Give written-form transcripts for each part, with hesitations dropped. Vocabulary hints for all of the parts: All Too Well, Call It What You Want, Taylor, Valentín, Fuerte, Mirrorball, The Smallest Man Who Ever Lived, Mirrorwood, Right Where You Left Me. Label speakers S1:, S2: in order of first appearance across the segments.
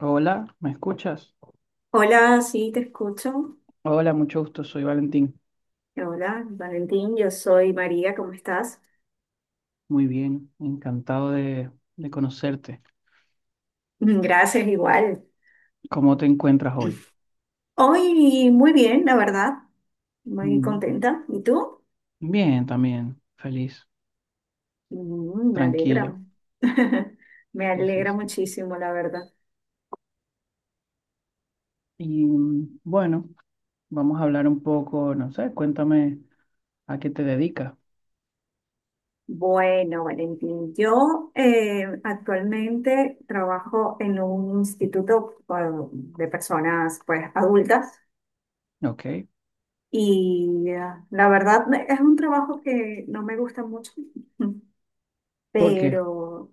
S1: Hola, ¿me escuchas?
S2: Hola, sí, te escucho.
S1: Hola, mucho gusto, soy Valentín.
S2: Hola, Valentín, yo soy María, ¿cómo estás?
S1: Muy bien, encantado de conocerte.
S2: Gracias, igual.
S1: ¿Cómo te encuentras hoy?
S2: Hoy muy bien, la verdad, muy
S1: Mm,
S2: contenta. ¿Y tú?
S1: Bien, también, feliz,
S2: Mm, me alegra.
S1: tranquilo,
S2: Me alegra
S1: dices.
S2: muchísimo, la verdad.
S1: Y bueno, vamos a hablar un poco, no sé, cuéntame a qué te dedicas,
S2: Bueno, Valentín, yo actualmente trabajo en un instituto bueno, de personas pues adultas
S1: ¿ok?
S2: y la verdad es un trabajo que no me gusta mucho,
S1: ¿Por qué?
S2: pero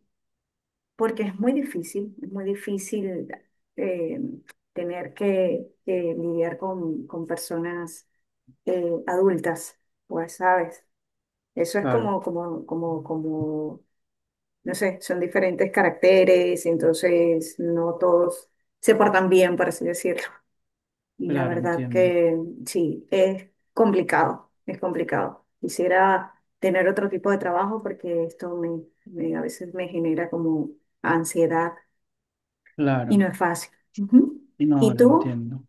S2: porque es muy difícil eh, tener que lidiar con personas adultas, pues, ¿sabes? Eso es
S1: Claro,
S2: como, no sé, son diferentes caracteres, entonces no todos se portan bien, por así decirlo. Y la
S1: claro,
S2: verdad
S1: entiendo,
S2: que sí, es complicado, es complicado. Quisiera tener otro tipo de trabajo porque esto a veces me genera como ansiedad. Y
S1: claro,
S2: no es fácil. Ujú.
S1: no,
S2: ¿Y
S1: lo
S2: tú?
S1: entiendo.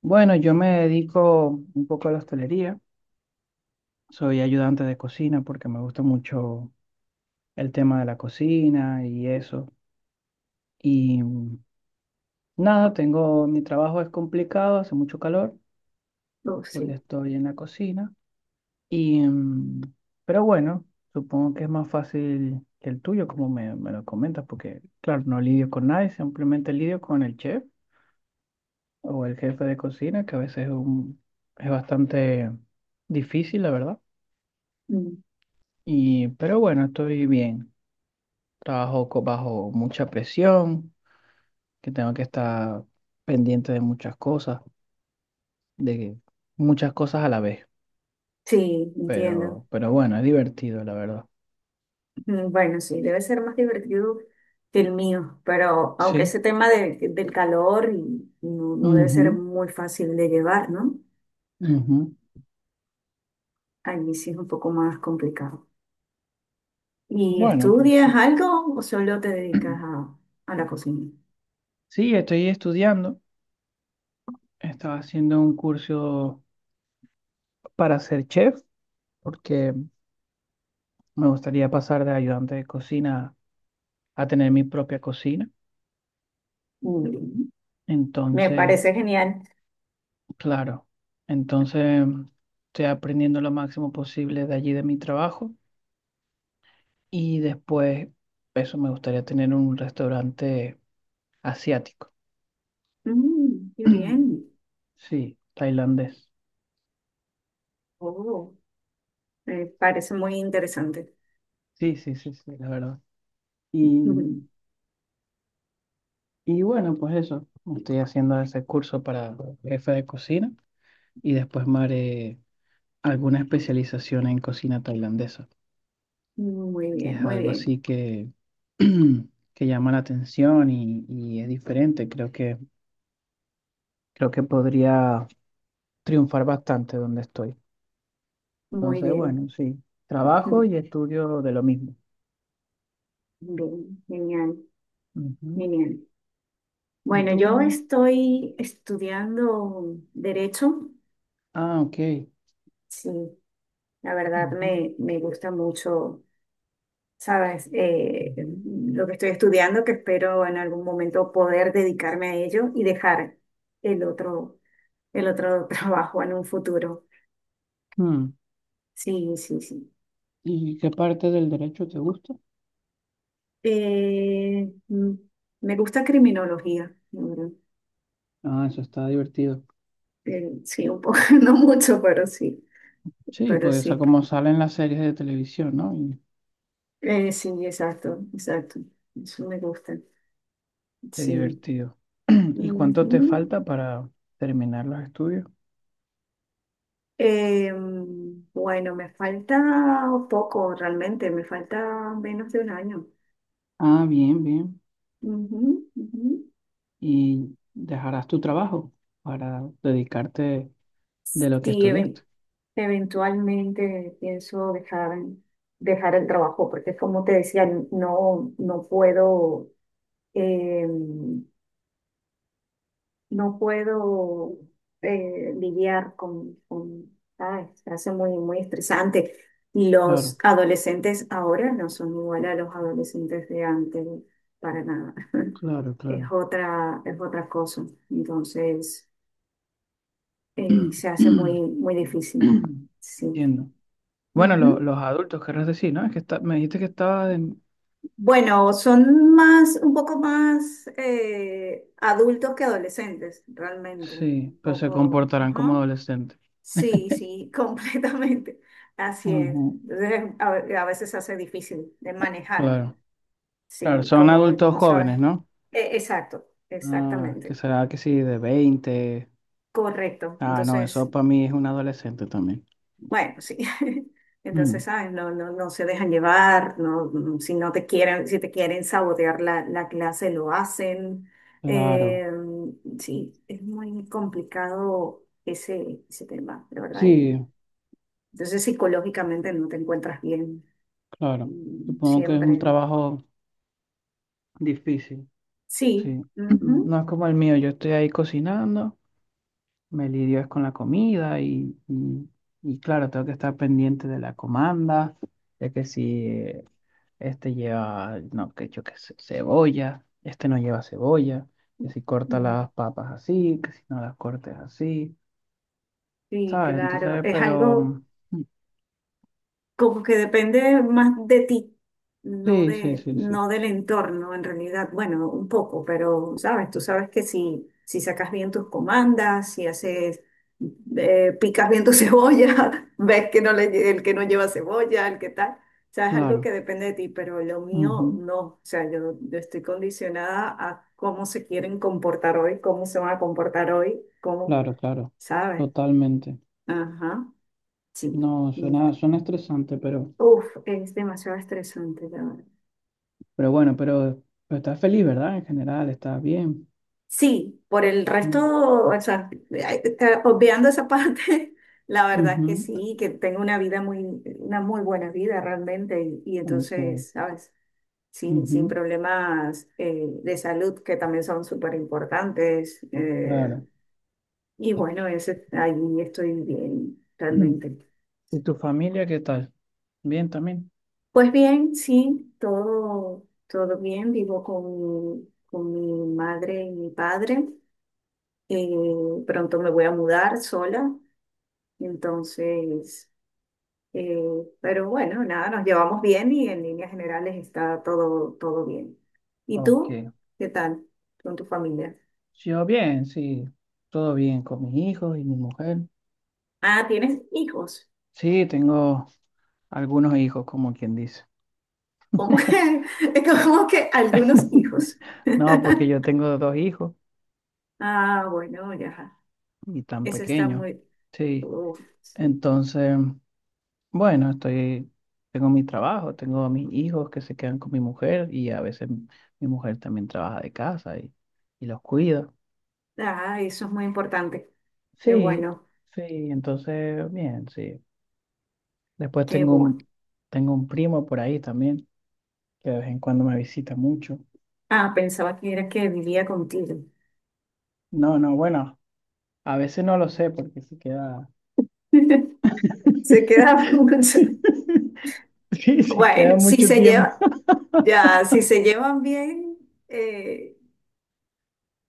S1: Bueno, yo me dedico un poco a la hostelería, soy ayudante de cocina porque me gusta mucho el tema de la cocina y eso. Y nada, mi trabajo es complicado, hace mucho calor
S2: Oh,
S1: porque
S2: sí.
S1: estoy en la cocina. Y, pero bueno, supongo que es más fácil que el tuyo, como me lo comentas, porque claro, no lidio con nadie, simplemente lidio con el chef o el jefe de cocina, que a veces es bastante difícil, la verdad.
S2: Mm.
S1: Y, pero bueno, estoy bien. Trabajo bajo mucha presión, que tengo que estar pendiente de muchas cosas a la vez.
S2: Sí, entiendo.
S1: Pero bueno, es divertido, la verdad.
S2: Bueno, sí, debe ser más divertido que el mío, pero aunque
S1: Sí.
S2: ese tema del calor no, no debe ser
S1: Ujú,
S2: muy fácil de llevar, ¿no?
S1: ujú.
S2: A mí sí es un poco más complicado. ¿Y
S1: Bueno, pues
S2: estudias
S1: sí.
S2: algo o solo te dedicas a la cocina?
S1: Sí, estoy estudiando. Estaba haciendo un curso para ser chef, porque me gustaría pasar de ayudante de cocina a tener mi propia cocina.
S2: Mm, me
S1: Entonces,
S2: parece genial.
S1: claro, entonces estoy aprendiendo lo máximo posible de allí, de mi trabajo. Y después, eso, me gustaría tener un restaurante asiático.
S2: Mm, qué bien.
S1: Sí, tailandés.
S2: Oh, me parece muy interesante.
S1: Sí, sí, sí, sí, la verdad.
S2: Ujú.
S1: Y, y bueno, pues eso. Estoy haciendo ese curso para jefe de cocina y después me haré alguna especialización en cocina tailandesa,
S2: Muy
S1: que
S2: bien,
S1: es
S2: muy
S1: algo
S2: bien.
S1: así que, que llama la atención y es diferente. Creo que podría triunfar bastante donde estoy.
S2: Muy
S1: Entonces,
S2: bien.
S1: bueno, sí, trabajo y estudio de lo mismo.
S2: Bien, genial,
S1: Ujú.
S2: genial.
S1: ¿Y
S2: Bueno, yo
S1: tú?
S2: estoy estudiando derecho.
S1: Ah, ok.
S2: Sí, la verdad
S1: Ujú,
S2: me gusta mucho, ¿sabes?
S1: ujú.
S2: Lo que estoy estudiando, que espero en algún momento poder dedicarme a ello y dejar el otro, el otro trabajo en un futuro.
S1: Mm,
S2: Sí, sí, sí.
S1: ¿Y qué parte del derecho te gusta?
S2: Eh, mm, me gusta criminología, la verdad.
S1: Ah, eso está divertido.
S2: Sí, un poco, no mucho, pero sí,
S1: Sí,
S2: pero
S1: porque esa
S2: sí.
S1: como sale en las series de televisión, ¿no?
S2: Sí, exacto, exacto. Eso me gusta.
S1: Qué
S2: Sí.
S1: divertido. ¿Y cuánto te
S2: Ujú.
S1: falta para terminar los estudios?
S2: Bueno, me falta poco realmente, me falta menos de un año.
S1: Ah, bien, bien.
S2: Ujú, ujú.
S1: ¿Y dejarás tu trabajo para dedicarte de lo que
S2: Sí,
S1: estudiaste?
S2: eventualmente pienso dejar, dejar el trabajo, porque como te decía, no, no puedo. em, no puedo lidiar ay, se hace muy, muy estresante. Y los
S1: Claro,
S2: adolescentes ahora no son igual a los adolescentes de antes, para nada.
S1: claro, claro.
S2: Es otra cosa. Entonces, se hace muy, muy difícil. Sí.
S1: Entiendo. Bueno,
S2: Ujú.
S1: los adultos, querrás decir, ¿no? Es que me dijiste que estaba en...
S2: Bueno, son más, un poco más adultos que adolescentes, realmente.
S1: Sí,
S2: Un
S1: pero se
S2: poco,
S1: comportarán como
S2: ajá.
S1: adolescentes.
S2: Sí, sí, completamente. Así es.
S1: Ujú.
S2: Entonces, a veces se hace difícil de manejar.
S1: Claro, claro,
S2: Sí,
S1: son
S2: como,
S1: adultos
S2: como sabes.
S1: jóvenes, ¿no?
S2: Exacto,
S1: Ah, que
S2: exactamente.
S1: será que sí, de 20.
S2: Correcto.
S1: Ah, no,
S2: Entonces,
S1: eso para mí es un adolescente también.
S2: bueno, sí.
S1: Mm,
S2: Entonces, ¿sabes? No, no, no se dejan llevar, no, mm, si no te quieren, si te quieren sabotear la clase, lo hacen.
S1: claro,
S2: Sí, es muy complicado ese, ese tema, de verdad.
S1: sí,
S2: Entonces, psicológicamente no te encuentras bien.
S1: claro.
S2: Mm,
S1: Supongo que es un
S2: siempre.
S1: trabajo difícil,
S2: Sí.
S1: sí. No
S2: Ujú.
S1: es como el mío, yo estoy ahí cocinando, me lidio es con la comida y, y claro, tengo que estar pendiente de la comanda, de que si este lleva, no, que yo qué sé, cebolla, este no lleva cebolla, que si corta
S2: Mm,
S1: las papas así, que si no las cortes así,
S2: Sí,
S1: ¿sabes?
S2: claro.
S1: Entonces,
S2: Es
S1: pero,
S2: algo
S1: mm.
S2: como que depende más de ti, no
S1: Sí, sí, sí, sí.
S2: no del entorno en realidad. Bueno, un poco, pero sabes, tú sabes que si, si sacas bien tus comandas, si haces, picas bien tu cebolla, ves que no le, el que no lleva cebolla, el que tal. O sea, es algo
S1: Claro,
S2: que depende de ti, pero lo mío
S1: ujú,
S2: no. O sea, yo estoy condicionada a cómo se quieren comportar hoy, cómo se van a comportar hoy, cómo,
S1: claro, claro,
S2: ¿sabes?
S1: totalmente.
S2: Ajá, sí.
S1: No, suena estresante,
S2: Uf, es demasiado estresante, la verdad.
S1: pero bueno, pero estás feliz, ¿verdad? En general, estás bien.
S2: Sí, por el
S1: Mm,
S2: resto, o sea, obviando esa parte, la verdad que
S1: ujú,
S2: sí, que tengo una vida muy, una muy buena vida realmente, y
S1: ok,
S2: entonces, ¿sabes? Sin
S1: ujú,
S2: problemas de salud que también son súper importantes.
S1: claro.
S2: Y bueno, ese, ahí estoy bien, realmente.
S1: ¿Y tu familia qué tal? ¿Bien también?
S2: Pues bien, sí, todo, todo bien, vivo con mi madre y mi padre. Pronto me voy a mudar sola, entonces, eh, pero bueno, nada, nos llevamos bien y en líneas generales está todo, todo bien. ¿Y
S1: Ok.
S2: tú? ¿Qué tal con tu familia?
S1: Yo bien, sí. Todo bien con mis hijos y mi mujer.
S2: Ah, ¿tienes hijos?
S1: Sí, tengo algunos hijos, como quien dice.
S2: ¿Cómo que, como que algunos hijos?
S1: No, porque yo tengo dos hijos
S2: Ah, bueno, ya.
S1: y tan
S2: Eso está
S1: pequeños.
S2: muy...
S1: Sí.
S2: Uf, sí.
S1: Entonces, bueno, tengo mi trabajo, tengo a mis hijos que se quedan con mi mujer y a veces mi mujer también trabaja de casa y, los cuida.
S2: Ah, eso es muy importante. Qué
S1: Sí,
S2: bueno,
S1: sí, entonces, bien, sí. Después
S2: qué
S1: tengo un,
S2: bueno.
S1: tengo un primo por ahí también, que de vez en cuando me visita mucho.
S2: Ah, pensaba que era que vivía contigo.
S1: No, no, bueno, a veces no lo sé porque se queda...
S2: Se queda mucho.
S1: Sí, se queda
S2: Bueno, si
S1: mucho
S2: se
S1: tiempo.
S2: lleva, ya, si se llevan bien, eh,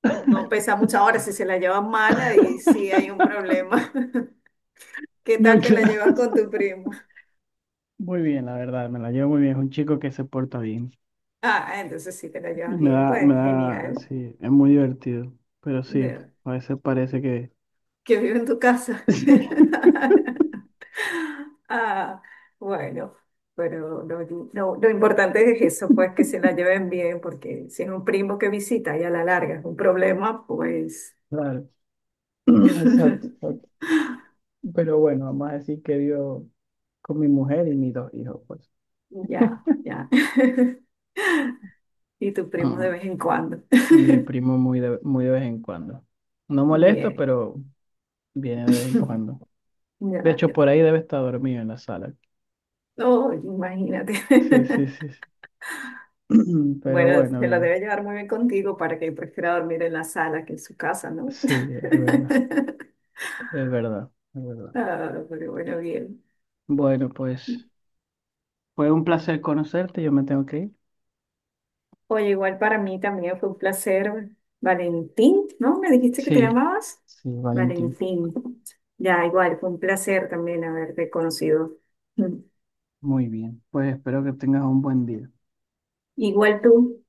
S2: no pesa mucho. Ahora, si se la llevan mala, y sí hay un problema. ¿Qué
S1: No,
S2: tal te la
S1: claro.
S2: llevas con tu primo?
S1: Muy bien, la verdad, me la llevo muy bien. Es un chico que se porta bien.
S2: Ah, entonces sí te la
S1: Y
S2: llevas
S1: me
S2: bien,
S1: da, me
S2: pues
S1: da,
S2: genial.
S1: sí, es muy divertido. Pero sí,
S2: No,
S1: a veces parece que...
S2: que vive en tu casa.
S1: Sí,
S2: Ah, bueno, pero lo importante es eso, pues que se la lleven bien, porque si es un primo que visita y a la larga es un problema, pues
S1: claro, exacto, exacto. Pero bueno, vamos a decir que vivo con mi mujer y mis dos hijos, pues.
S2: ya, ya. Y tu primo de
S1: Ah,
S2: vez en cuando.
S1: mi primo muy de vez en cuando. No molesta,
S2: Bien.
S1: pero viene de vez en cuando. De hecho,
S2: Gracias.
S1: por ahí debe estar dormido en la sala.
S2: Oh, imagínate.
S1: Sí, sí, sí, sí. Pero
S2: Bueno,
S1: bueno,
S2: se la
S1: bien.
S2: debe llevar muy bien contigo para que prefiera dormir en la sala que en su casa, ¿no?
S1: Sí, es verdad, es verdad, es verdad.
S2: Ah, pero bueno, bien.
S1: Bueno, pues fue un placer conocerte. Yo me tengo que ir.
S2: Oye, igual para mí también fue un placer. Valentín, ¿no? ¿Me dijiste que te
S1: Sí,
S2: llamabas?
S1: sí, Valentín.
S2: Valentín. Ya, igual, fue un placer también haberte conocido.
S1: Muy bien. Pues espero que tengas un buen día.
S2: Igual tú.